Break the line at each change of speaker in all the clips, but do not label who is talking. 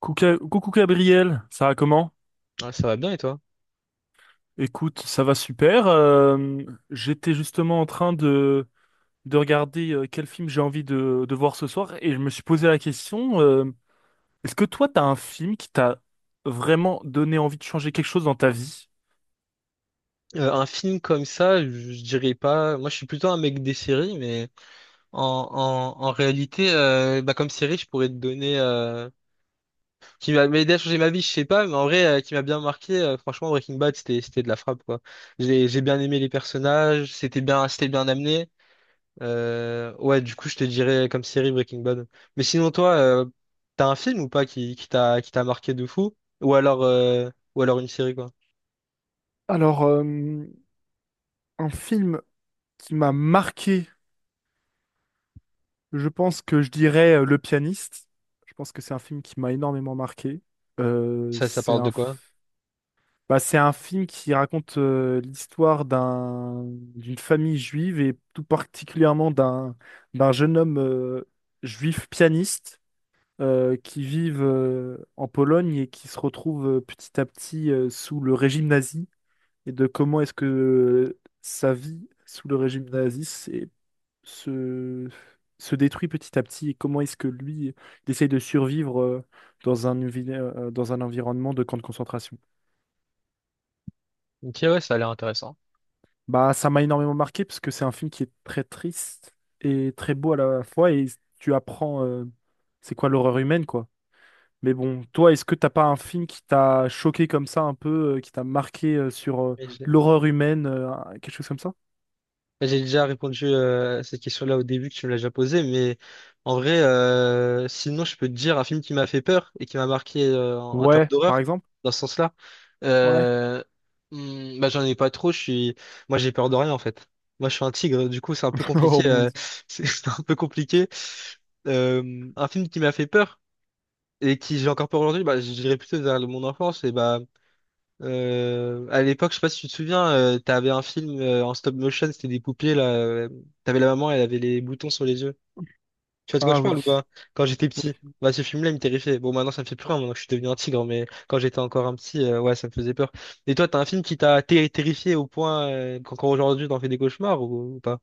Coucou, coucou Gabriel, ça va comment?
Ouais, ça va bien et toi?
Écoute, ça va super. J'étais justement en train de regarder quel film j'ai envie de voir ce soir et je me suis posé la question. Est-ce que toi, t'as un film qui t'a vraiment donné envie de changer quelque chose dans ta vie?
Un film comme ça, je dirais pas. Moi, je suis plutôt un mec des séries, mais en, en réalité, comme série, je pourrais te donner qui m'a aidé à changer ma vie, je sais pas, mais en vrai, qui m'a bien marqué. Franchement, Breaking Bad, c'était de la frappe quoi. J'ai bien aimé les personnages, c'était bien amené. Ouais, du coup, je te dirais comme série Breaking Bad. Mais sinon, toi, t'as un film ou pas qui t'a marqué de fou? Ou alors une série quoi?
Alors, un film qui m'a marqué, je pense que je dirais Le Pianiste. Je pense que c'est un film qui m'a énormément marqué.
Ça
C'est
parle de
un...
quoi?
Bah, c'est un film qui raconte l'histoire d'une famille juive et tout particulièrement d'un jeune homme juif pianiste qui vit en Pologne et qui se retrouve petit à petit sous le régime nazi, et de comment est-ce que sa vie sous le régime nazi se se détruit petit à petit, et comment est-ce que lui il essaye de survivre dans dans un environnement de camp de concentration.
Ok, ouais, ça a l'air intéressant.
Bah, ça m'a énormément marqué parce que c'est un film qui est très triste et très beau à la fois, et tu apprends c'est quoi l'horreur humaine quoi. Mais bon, toi, est-ce que t'as pas un film qui t'a choqué comme ça un peu, qui t'a marqué sur
Mais je-
l'horreur humaine, quelque chose comme ça?
mais j'ai déjà répondu à cette question-là au début que tu me l'as déjà posée, mais en vrai, sinon je peux te dire un film qui m'a fait peur et qui m'a marqué en termes
Ouais, par
d'horreur,
exemple?
dans ce sens-là.
Ouais.
Euh, J'en ai pas trop, moi j'ai peur de rien en fait. Moi je suis un tigre, du coup c'est un peu
Oh
compliqué.
mon Dieu.
C'est un peu compliqué. Un film qui m'a fait peur et qui j'ai encore peur aujourd'hui, bah, je dirais plutôt vers mon enfance et bah. À l'époque, je sais pas si tu te souviens, t'avais un film en stop motion, c'était des poupées là. T'avais la maman, elle avait les boutons sur les yeux. Tu vois de quoi
Ah
je parle ou
oui.
pas? Quand j'étais petit, bah ce film-là, il me terrifiait. Bon, maintenant ça me fait plus rien, maintenant que je suis devenu un tigre, mais quand j'étais encore un petit, ouais, ça me faisait peur. Et toi, t'as un film qui terrifié au point qu'encore aujourd'hui t'en fais des cauchemars ou pas?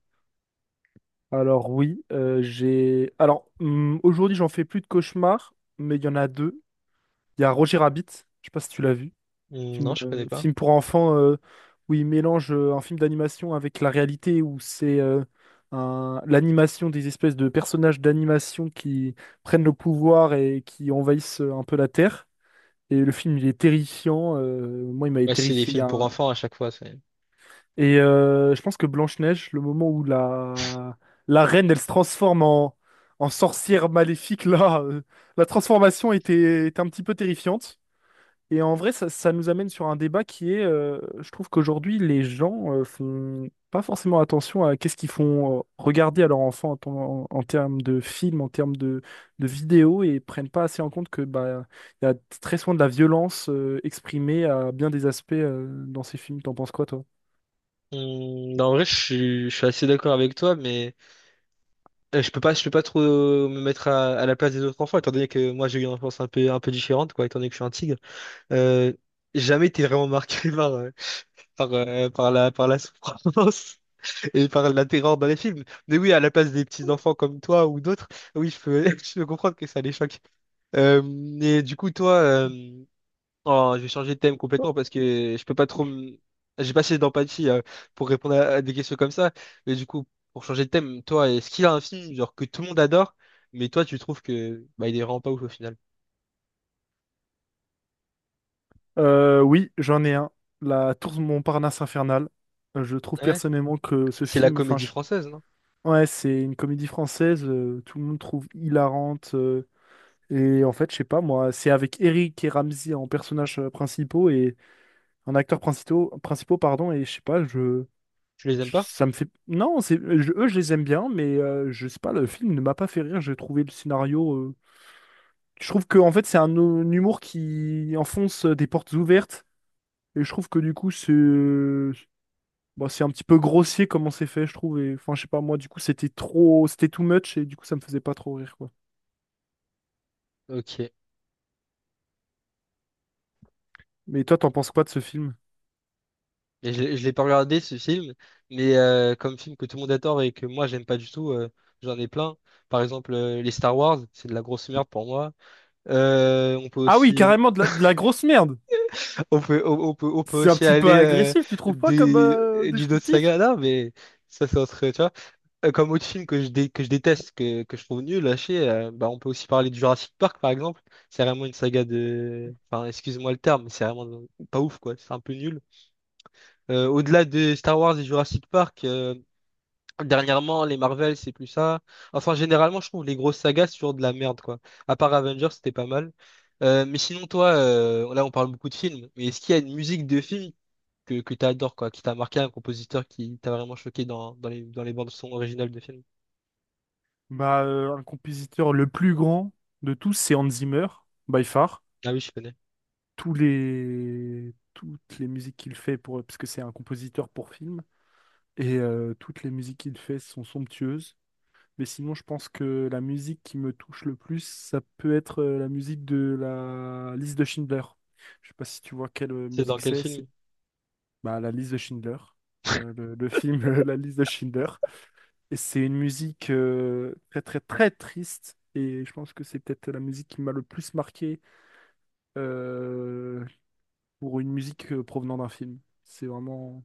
Alors oui, j'ai. Alors aujourd'hui, j'en fais plus de cauchemars, mais il y en a deux. Il y a Roger Rabbit, je sais pas si tu l'as vu.
Hmm,
Film,
non, je connais pas.
film pour enfants où il mélange un film d'animation avec la réalité, où c'est l'animation, des espèces de personnages d'animation qui prennent le pouvoir et qui envahissent un peu la Terre. Et le film, il est terrifiant. Moi, il m'avait
Ouais, c'est les
terrifié. Il y
films
a
pour
un...
enfants à chaque fois.
Et je pense que Blanche-Neige, le moment où la... la reine, elle se transforme en, en sorcière maléfique, là, la transformation était... était un petit peu terrifiante. Et en vrai, ça nous amène sur un débat qui est, je trouve qu'aujourd'hui, les gens font pas forcément attention à qu'est-ce qu'ils font regarder à leurs enfants en, en termes de films, en termes de vidéos, et prennent pas assez en compte que bah, il y a très souvent de la violence exprimée à bien des aspects dans ces films. T'en penses quoi, toi?
Hmm, non, en vrai, je suis assez d'accord avec toi, mais. Je peux pas, je peux pas trop me mettre à la place des autres enfants, étant donné que moi j'ai eu une enfance un peu différente, quoi, étant donné que je suis un tigre. Euh, Jamais été vraiment marqué par par la souffrance et par la terreur dans les films. Mais oui, à la place des petits enfants comme toi ou d'autres, oui, je peux, je peux comprendre que ça les choque. Euh, et du coup, toi, euh, Oh, je vais changer de thème complètement parce que je peux pas trop. Me- j'ai pas assez d'empathie pour répondre à des questions comme ça. Mais du coup, pour changer de thème, toi, est-ce qu'il y a un film genre que tout le monde adore, mais toi, tu trouves que bah il est vraiment pas ouf au final?
Oui, j'en ai un. La Tour de Montparnasse infernale. Je trouve
Hein.
personnellement que ce
C'est la
film, enfin,
comédie
je...
française, non?
Ouais, c'est une comédie française. Tout le monde trouve hilarante. Et en fait, je sais pas, moi, c'est avec Eric et Ramzy en personnages principaux et en acteurs principaux, pardon, et je sais pas,
Tu les aimes pas?
ça me fait... Non, c'est, je... eux, je les aime bien, mais je sais pas, le film ne m'a pas fait rire, j'ai trouvé le scénario... Je trouve que, en fait, c'est un humour qui enfonce des portes ouvertes, et je trouve que, du coup, c'est... bon, c'est un petit peu grossier comment c'est fait, je trouve, et enfin, je sais pas, moi, du coup, c'était trop... C'était too much, et du coup, ça me faisait pas trop rire, quoi.
Ok.
Mais toi, t'en penses quoi de ce film?
Et je l'ai pas regardé ce film, mais comme film que tout le monde adore et que moi j'aime pas du tout, j'en ai plein. Par exemple, les Star Wars, c'est de la grosse merde pour moi. Euh, on peut
Ah oui,
aussi
carrément, de la grosse merde!
On peut, on peut
C'est un
aussi
petit peu
aller
agressif, tu trouves pas comme
du- d'une autre
descriptif?
saga. Non, mais ça, c'est entre. Tu vois. Comme autre film que que je déteste, que je trouve nul, lâché, bah, on peut aussi parler du Jurassic Park, par exemple. C'est vraiment une saga de. Enfin, excuse-moi le terme, mais c'est vraiment pas ouf, quoi. C'est un peu nul. Au-delà de Star Wars et Jurassic Park, dernièrement, les Marvel, c'est plus ça. Enfin, généralement, je trouve les grosses sagas, c'est toujours de la merde, quoi. À part Avengers, c'était pas mal. Mais sinon, toi, là, on parle beaucoup de films, mais est-ce qu'il y a une musique de film que tu adores, quoi, qui t'a marqué, un compositeur qui t'a vraiment choqué dans, dans les bandes son originales de films?
Bah, un compositeur le plus grand de tous, c'est Hans Zimmer, by far.
Ah oui, je connais.
Tous les... Toutes les musiques qu'il fait, pour... parce que c'est un compositeur pour film, et toutes les musiques qu'il fait sont somptueuses. Mais sinon, je pense que la musique qui me touche le plus, ça peut être la musique de la liste de Schindler. Je sais pas si tu vois quelle
C'est dans
musique
quel
c'est,
film?
bah, la liste de Schindler. Le film La liste de Schindler. Et c'est une musique très très très triste. Et je pense que c'est peut-être la musique qui m'a le plus marqué euh, pour une musique provenant d'un film. C'est vraiment,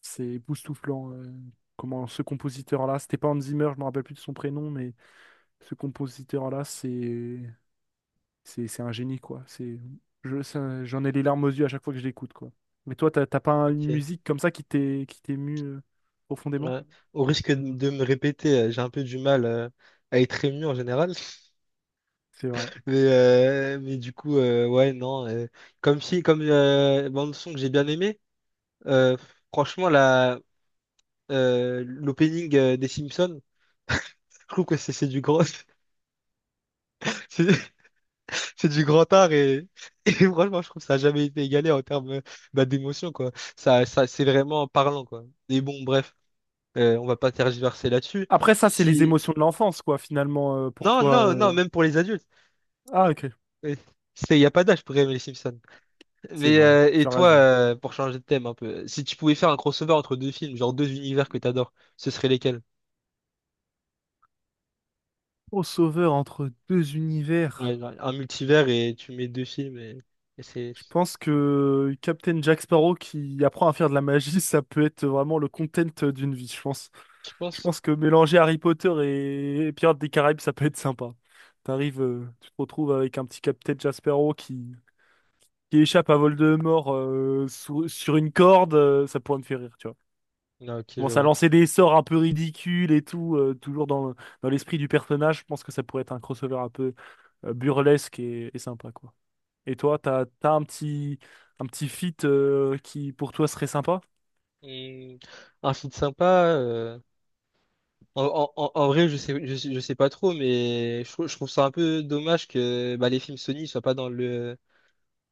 c'est époustouflant. Comment ce compositeur-là, c'était pas Hans Zimmer, je me rappelle plus de son prénom, mais ce compositeur-là, c'est un génie quoi. C'est, j'en ai les larmes aux yeux à chaque fois que je l'écoute quoi. Mais toi, t'as pas une
Ok.
musique comme ça qui t'émue profondément?
Ouais. Au risque de me répéter, j'ai un peu du mal à être ému en général.
C'est vrai.
Mais, ouais, non. Comme si, Comme bande son que j'ai bien aimé, euh, franchement, l'opening des Simpsons, je trouve que c'est du gros. C'est du grand art et, et franchement, je trouve que ça n'a jamais été égalé en termes d'émotion, quoi. Ça, c'est vraiment parlant, quoi. Et bon, bref, on va pas tergiverser là-dessus.
Après, ça, c'est les
Si...
émotions de l'enfance, quoi, finalement, pour
Non,
toi.
non, non, même pour les adultes.
Ah, ok,
Euh, Il n'y a pas d'âge pour aimer les Simpsons.
c'est
Mais,
vrai, tu as raison.
pour changer de thème un peu, si tu pouvais faire un crossover entre deux films, genre deux univers que t'adores, ce serait lesquels?
Au sauveur entre deux
Ouais,
univers,
genre un multivers et tu mets deux films et c'est...
je pense que Captain Jack Sparrow qui apprend à faire de la magie, ça peut être vraiment le content d'une vie, je pense.
Tu
Je
penses?
pense que mélanger Harry Potter et Pirates des Caraïbes, ça peut être sympa. T'arrives, tu te retrouves avec un petit Captain Jack Sparrow qui échappe à Voldemort sur une corde, ça pourrait me faire rire, tu vois.
Non, ok, je
Commence à
vois.
lancer des sorts un peu ridicules et tout, toujours dans l'esprit du personnage. Je pense que ça pourrait être un crossover un peu burlesque et sympa, quoi. Et toi, t'as un petit feat qui, pour toi, serait sympa?
Hmm, un film sympa... euh, En vrai, je sais pas trop, mais je trouve ça un peu dommage que bah, les films Sony soient pas dans le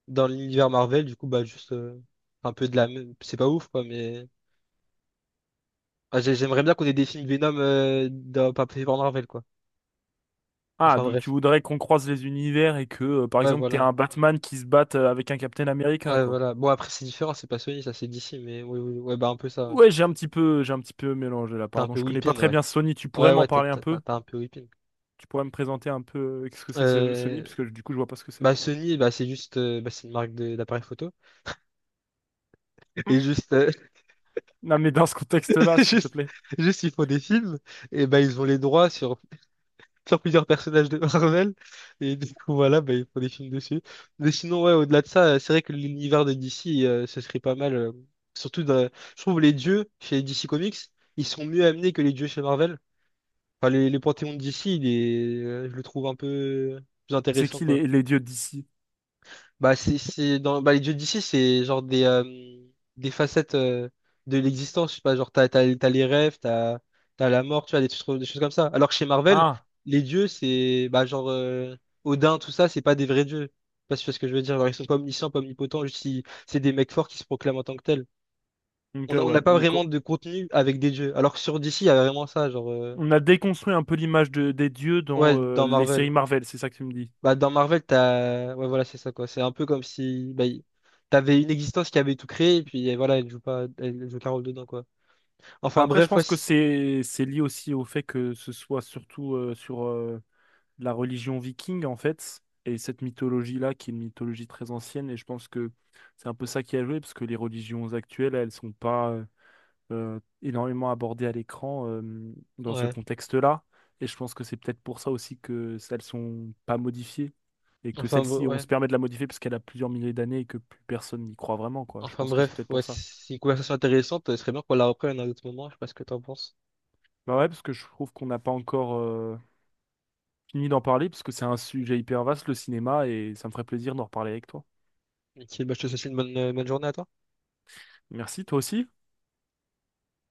dans l'univers Marvel. Du coup, bah juste un peu de la même. C'est pas ouf, quoi, mais j'aimerais bien qu'on ait des films Venom pas pris par Marvel, quoi.
Ah,
Enfin
donc tu
bref.
voudrais qu'on croise les univers et que, par
Ouais,
exemple, t'aies
voilà.
un Batman qui se batte avec un Captain America,
Ouais,
quoi.
voilà. Bon, après, c'est différent, c'est pas Sony, ça c'est DC, mais oui, oui, ouais, bah un peu ça. Ouais.
Ouais, j'ai un petit peu, j'ai un petit peu mélangé là,
T'as un
pardon.
peu
Je connais pas
whipping,
très
ouais.
bien Sony. Tu pourrais
Ouais,
m'en
ouais,
parler un peu?
t'as un peu whipping.
Tu pourrais me présenter un peu qu'est-ce que Sony,
Euh,
parce que du coup, je vois pas ce que c'est.
Bah Sony, bah c'est juste, c'est une marque d'appareil photo. Et juste,
Non, mais dans ce contexte-là, s'il te
Juste,
plaît.
juste, ils font des films, et ben ils ont les droits sur plusieurs personnages de Marvel, et du coup, voilà, ben, ils font des films dessus. Mais sinon, ouais, au-delà de ça, c'est vrai que l'univers de DC, ce serait pas mal. Surtout, dans- je trouve les dieux chez DC Comics, ils sont mieux amenés que les dieux chez Marvel. Enfin, les panthéons de DC, je le trouve un peu plus
C'est
intéressant,
qui
quoi.
les dieux d'ici?
Bah, les dieux d'ici, c'est genre des facettes de l'existence. Je sais pas, genre, t'as les rêves, t'as la mort, tu vois, des choses comme ça. Alors que chez Marvel,
Ah,
les dieux, c'est, bah, genre, Odin, tout ça, c'est pas des vrais dieux. Je sais pas si tu vois ce que je veux dire. Genre, ils sont pas omniscients, pas omnipotents, c'est des mecs forts qui se proclament en tant que tels.
ok,
On
ouais.
n'a pas
Donc,
vraiment de contenu avec des dieux. Alors que sur DC, il y a vraiment ça, genre,
on a déconstruit un peu l'image des dieux dans
ouais, dans
les
Marvel.
séries Marvel, c'est ça que tu me dis.
Bah, dans Marvel, t'as... Ouais, voilà, c'est ça, quoi. C'est un peu comme si t'avais une existence qui avait tout créé, et puis voilà, elle joue pas, elle joue qu'un rôle dedans, quoi. Enfin,
Après, je
bref,
pense que c'est lié aussi au fait que ce soit surtout sur la religion viking, en fait, et cette mythologie-là, qui est une mythologie très ancienne, et je pense que c'est un peu ça qui a joué, parce que les religions actuelles, elles sont pas énormément abordées à l'écran dans ce
ouais.
contexte-là, et je pense que c'est peut-être pour ça aussi que celles sont pas modifiées, et que celle-ci, on
Ouais.
se permet de la modifier parce qu'elle a plusieurs milliers d'années et que plus personne n'y croit vraiment, quoi. Je
Enfin,
pense que c'est
bref,
peut-être
ouais,
pour ça.
c'est une conversation intéressante. Ce serait bien qu'on la reprenne à un autre moment. Je sais pas ce que t'en penses.
Bah ouais, parce que je trouve qu'on n'a pas encore fini d'en parler, parce que c'est un sujet hyper vaste, le cinéma, et ça me ferait plaisir d'en reparler avec toi.
Ok, bah, je te souhaite une bonne journée à toi.
Merci, toi aussi.